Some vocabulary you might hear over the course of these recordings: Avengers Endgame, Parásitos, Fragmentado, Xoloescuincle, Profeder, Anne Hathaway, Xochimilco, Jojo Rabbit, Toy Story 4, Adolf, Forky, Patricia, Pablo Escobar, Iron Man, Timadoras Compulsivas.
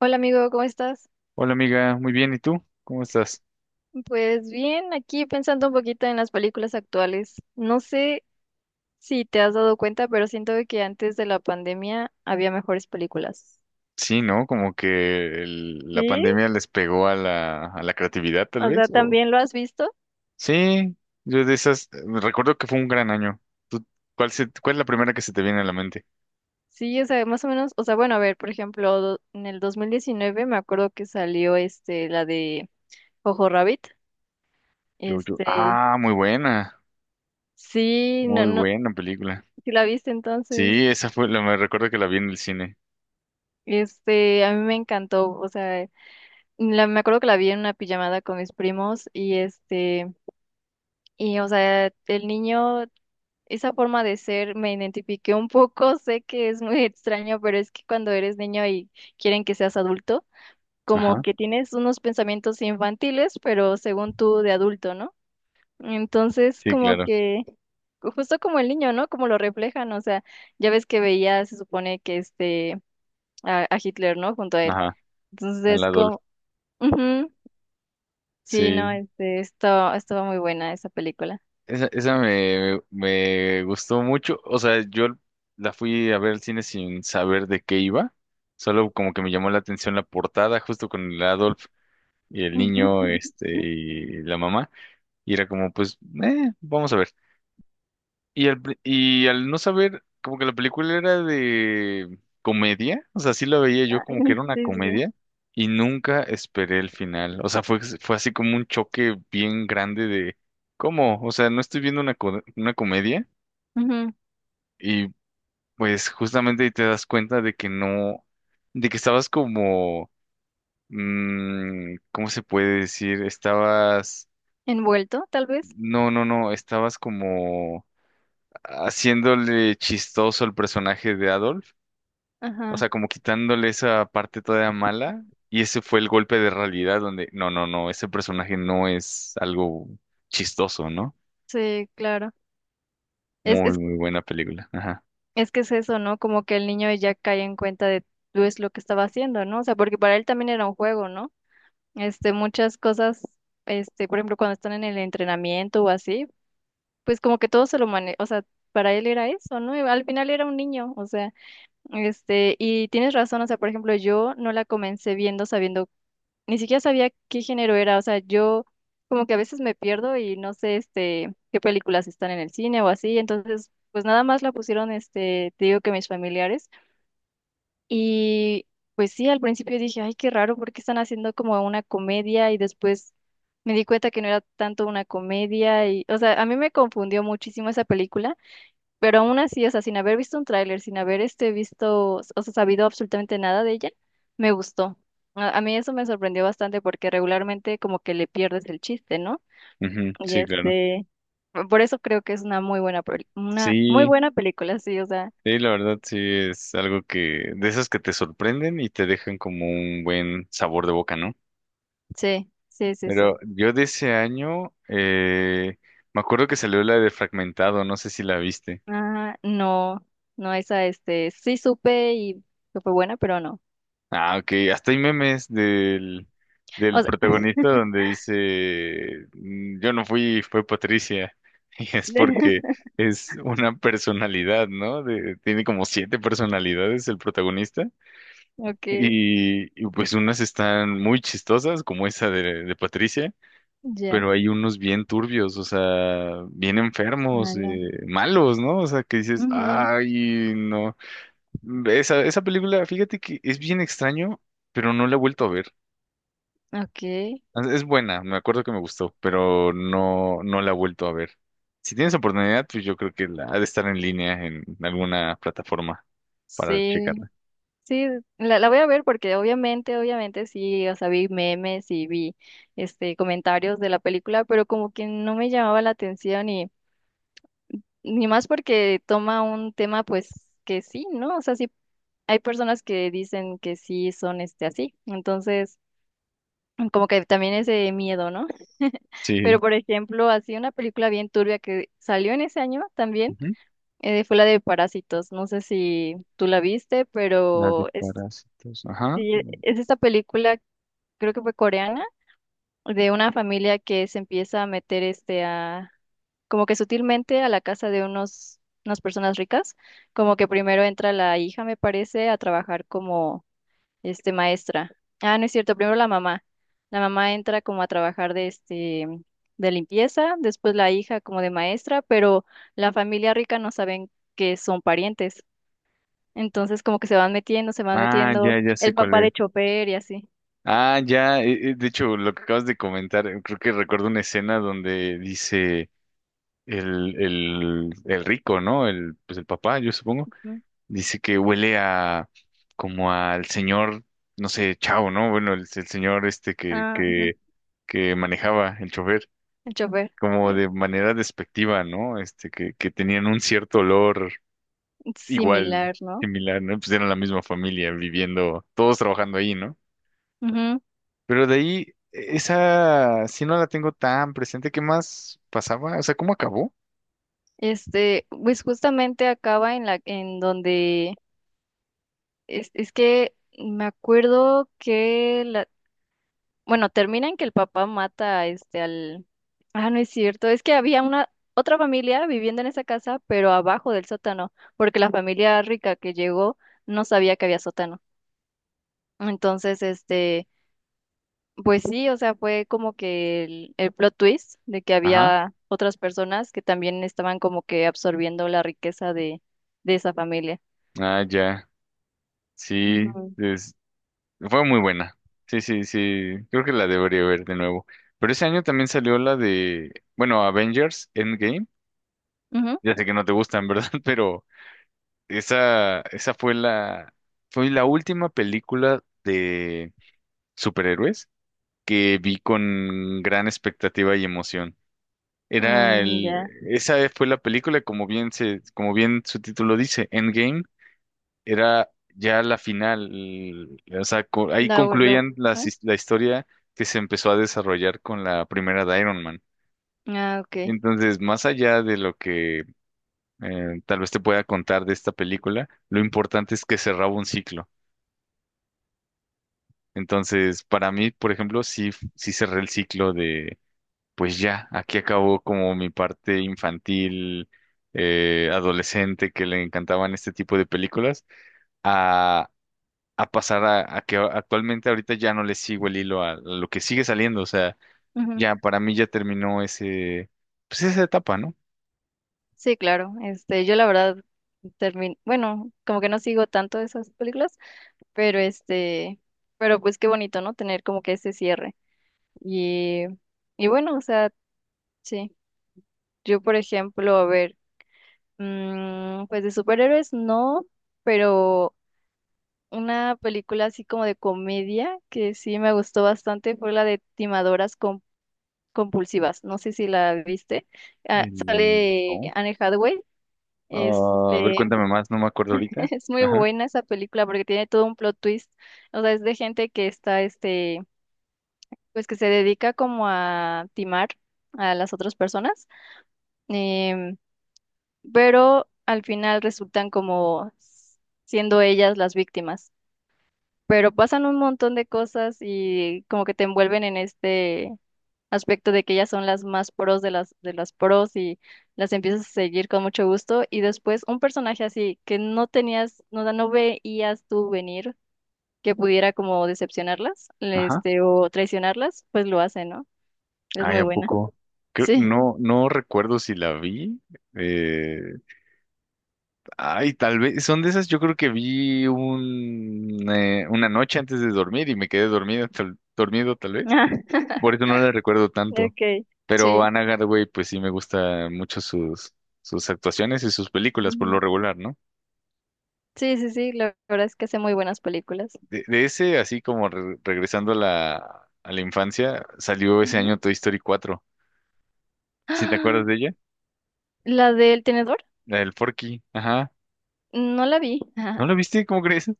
Hola amigo, ¿cómo estás? Hola amiga, muy bien, ¿y tú? ¿Cómo estás? Pues bien, aquí pensando un poquito en las películas actuales. No sé si te has dado cuenta, pero siento de que antes de la pandemia había mejores películas. Sí, ¿no? Como que la ¿Sí? pandemia les pegó a la creatividad, tal O vez, sea, o... ¿también lo has visto? Sí, yo de esas, recuerdo que fue un gran año. ¿Tú- ¿Cuál es la primera que se te viene a la mente? Sí, o sea, más o menos, o sea, bueno, a ver, por ejemplo, en el 2019 me acuerdo que salió la de Jojo Rabbit. Este, Muy buena, sí, no muy no, buena película. si la viste entonces. Sí, esa fue, me recuerdo que la vi en el cine. A mí me encantó, o sea, me acuerdo que la vi en una pijamada con mis primos, y o sea, el niño, esa forma de ser me identifiqué un poco, sé que es muy extraño, pero es que cuando eres niño y quieren que seas adulto, como Ajá, que tienes unos pensamientos infantiles, pero según tú de adulto, ¿no? Entonces, sí, como claro, que, justo como el niño, ¿no? Como lo reflejan, o sea, ya ves que veía, se supone que a Hitler, ¿no? Junto a él. ajá, al Entonces. Adolf. Ujú. Sí, no, Sí, estuvo muy buena esa película. Esa me gustó mucho. O sea, yo la fui a ver al cine sin saber de qué iba. Solo como que me llamó la atención la portada, justo con el Adolf y el niño, y la mamá. Y era como, pues, vamos a ver. Y al no saber, como que la película era de comedia, o sea, sí la veía yo Ay. como que era una Sí, sí. comedia y nunca esperé el final. O sea, fue así como un choque bien grande de, ¿cómo? O sea, no estoy viendo una comedia Ujú. y pues justamente ahí te das cuenta de que no, de que estabas como, ¿cómo se puede decir? Estabas, Envuelto, tal vez. no, no, no, estabas como haciéndole chistoso el personaje de Adolf. O Ajá. sea, como quitándole esa parte todavía mala. Y ese fue el golpe de realidad donde, no, no, no, ese personaje no es algo chistoso, ¿no? Sí, claro. Es, Muy, es, muy buena película. Ajá. es que es eso, ¿no? Como que el niño ya cae en cuenta de pues lo que estaba haciendo, ¿no? O sea, porque para él también era un juego, ¿no? Muchas cosas, por ejemplo, cuando están en el entrenamiento o así, pues como que todo se lo maneja, o sea, para él era eso, ¿no? Y al final era un niño, o sea, y tienes razón, o sea, por ejemplo, yo no la comencé viendo sabiendo, ni siquiera sabía qué género era, o sea, yo como que a veces me pierdo y no sé qué películas están en el cine o así, entonces pues nada más la pusieron, te digo que mis familiares, y pues sí, al principio dije, ay, qué raro, porque están haciendo como una comedia y después me di cuenta que no era tanto una comedia y o sea, a mí me confundió muchísimo esa película, pero aún así, o sea, sin haber visto un tráiler, sin haber visto, o sea, sabido absolutamente nada de ella, me gustó. A mí eso me sorprendió bastante porque regularmente como que le pierdes el chiste, ¿no? Ujú, Y sí, claro. Por eso creo que es una muy buena, una muy Sí, buena película, sí, o sea, sí, la verdad sí es algo que, de esas que te sorprenden y te dejan como un buen sabor de boca, ¿no? sí, sí, sí, sí. Pero yo de ese año, me acuerdo que salió la de Fragmentado, no sé si la viste. Ah, no, no, esa, sí supe y que fue buena, pero no. Ah, ok. Hasta hay memes del O sea. protagonista donde dice, "Mm, yo no fui, fue Patricia". Y es porque es una personalidad, ¿no? Tiene como siete personalidades el protagonista. Ok. Y pues unas están muy chistosas, como esa de Patricia, Ya. pero hay unos bien turbios, o sea, bien enfermos, Ala. Malos, ¿no? O sea, que dices, Ujú. ay, no. Esa película, fíjate que es bien extraño, pero no la he vuelto a ver. Ok. Es buena, me acuerdo que me gustó, pero no, no la he vuelto a ver. Si tienes oportunidad, pues yo creo que ha de estar en línea en alguna plataforma para Sí. checarla. Sí, la voy a ver porque obviamente, obviamente sí, o sea, vi memes y vi comentarios de la película, pero como que no me llamaba la atención y ni más porque toma un tema pues que sí, ¿no? O sea, sí hay personas que dicen que sí son así. Entonces, como que también ese miedo, ¿no? Pero Sí. por ejemplo, así una película bien turbia que salió en ese año también, Ujú. Fue la de Parásitos. No sé si tú la viste, La de pero es parásitos. Ajá. Sí, es esta película, creo que fue coreana, de una familia que se empieza a meter a, como que sutilmente a la casa de unas personas ricas, como que primero entra la hija, me parece, a trabajar como maestra. Ah, no es cierto, primero la mamá. La mamá entra como a trabajar de limpieza, después la hija como de maestra, pero la familia rica no saben que son parientes. Entonces como que se van Ah, metiendo, ya, ya sé el cuál papá es. de chofer y así. Ah, ya, de hecho, lo que acabas de comentar, creo que recuerdo una escena donde dice el rico, ¿no? El, pues el papá, yo supongo. Ujú. Dice que huele a como al señor, no sé, Chao, ¿no? Bueno, el señor este Ah, ujú. Que manejaba el chofer, El chofer, como eh, de manera despectiva, ¿no? Este, que tenían un cierto olor igual, similar, ¿no? similar, ¿no? Pues eran la misma familia viviendo, todos trabajando ahí, ¿no? Ujú. Pero de ahí, esa sí no la tengo tan presente. ¿Qué más pasaba? O sea, ¿cómo acabó? Pues justamente acaba en en donde es que me acuerdo que termina en que el papá mata a este al, ah, no es cierto, es que había una otra familia viviendo en esa casa, pero abajo del sótano, porque la familia rica que llegó no sabía que había sótano. Entonces, pues sí, o sea, fue como que el plot twist de que Ajá. había otras personas que también estaban como que absorbiendo la riqueza de esa familia. Ah, ya. Sí. Ujú. Fue muy buena. Sí, sí, sí. Creo que la debería ver de nuevo. Pero ese año también salió la de, bueno, Avengers Endgame. Ujú. Ya sé que no te gustan, ¿verdad? Pero esa fue fue la última película de superhéroes que vi con gran expectativa y emoción. Era Mm, el, ya. Esa fue la película, como como bien su título dice, Endgame era ya la final. O sea, ahí No, concluían ajá. La historia que se empezó a desarrollar con la primera de Iron Man. Ah, ok. Entonces, más allá de lo que tal vez te pueda contar de esta película, lo importante es que cerraba un ciclo. Entonces, para mí, por ejemplo, sí, sí cerré el ciclo de, pues ya, aquí acabó como mi parte infantil, adolescente, que le encantaban este tipo de películas a pasar a que actualmente ahorita ya no le sigo el hilo a lo que sigue saliendo. O sea, Ujú. ya para mí ya terminó ese, pues esa etapa, ¿no? Sí, claro. Yo la verdad termin bueno, como que no sigo tanto esas películas, pero pues qué bonito, ¿no? Tener como que ese cierre. Y, y bueno, o sea, sí. Yo, por ejemplo, a ver. Mm, pues de superhéroes no, pero una película así como de comedia que sí me gustó bastante fue la de Timadoras Compulsivas. No sé si la viste. Ah, sale No. Anne Hathaway. Ah, a ver, Este, cuéntame más, no me acuerdo ahorita. es muy Ajá, buena esa película porque tiene todo un plot twist. O sea, es de gente que está, pues que se dedica como a timar a las otras personas. em, pero al final resultan como siendo ellas las víctimas. Pero pasan un montón de cosas y como que te envuelven en este aspecto de que ellas son las más pros de las pros y las empiezas a seguir con mucho gusto y después un personaje así que no tenías, no, no veías tú venir que pudiera como decepcionarlas, ajá. O traicionarlas, pues lo hace, ¿no? Es Ay, muy ¿a buena. poco? Sí. No, no recuerdo si la vi. Eh, Ay, tal vez, son de esas, yo creo que vi un, una noche antes de dormir y me quedé dormido, tal vez. Por eso no la recuerdo tanto. Okay. Pero Sí. Anne Hathaway, pues sí me gusta mucho sus actuaciones y sus películas por lo Ujú. regular, ¿no? Sí, sí, sí, la verdad es que hace muy buenas películas. De ese, así como regresando a a la infancia, salió ese Ujú. año Toy Story 4. ¿Sí te ¡Ah! acuerdas de ella? La del tenedor, La del Forky, ajá. no la vi. ¿No la viste? ¿Cómo crees?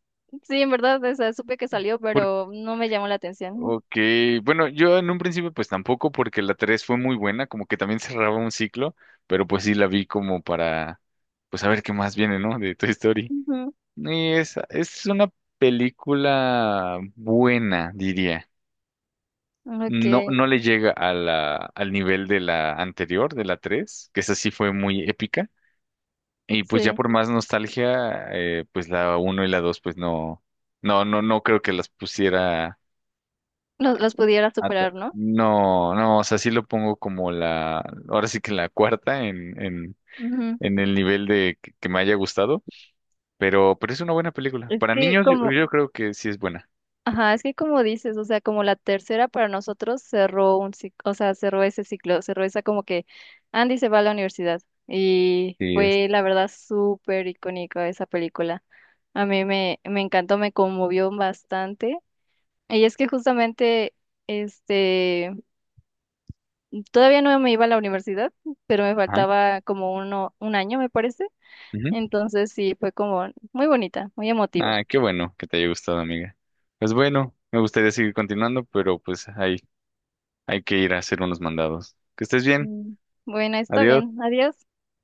Sí, en verdad, o sea, supe que salió, Por- pero no me llamó la atención. Ok, bueno, yo en un principio pues tampoco porque la 3 fue muy buena, como que también cerraba un ciclo, pero pues sí la vi como para, pues a ver qué más viene, ¿no? De Toy Story. Ujú. Y es una película buena, diría. Ok, No, no le llega a al nivel de la anterior, de la 3 que esa sí fue muy épica. Y pues ya sí, por más nostalgia, pues la uno y la 2 pues no, no creo que las pusiera. los pudiera superar, ¿no? No, no, o sea, sí lo pongo como ahora sí que la cuarta Ujú. en el nivel que me haya gustado, pero es una buena película. Es Para que niños como, yo creo que sí es buena. ajá, es que como dices, o sea, como la tercera para nosotros cerró un ciclo, o sea, cerró ese ciclo, cerró esa como que Andy se va a la universidad y Sí es. fue la verdad súper icónica esa película. A mí me encantó, me conmovió bastante. Y es que justamente. este... Todavía no me iba a la universidad, pero me faltaba como un año, me parece. Ujú. Entonces sí, fue como muy bonita, muy emotiva. Ah, qué bueno que te haya gustado, amiga. Pues bueno, me gustaría seguir continuando, pero pues hay que ir a hacer unos mandados. Que estés bien. Mm. Bueno, está Adiós. bien. Adiós.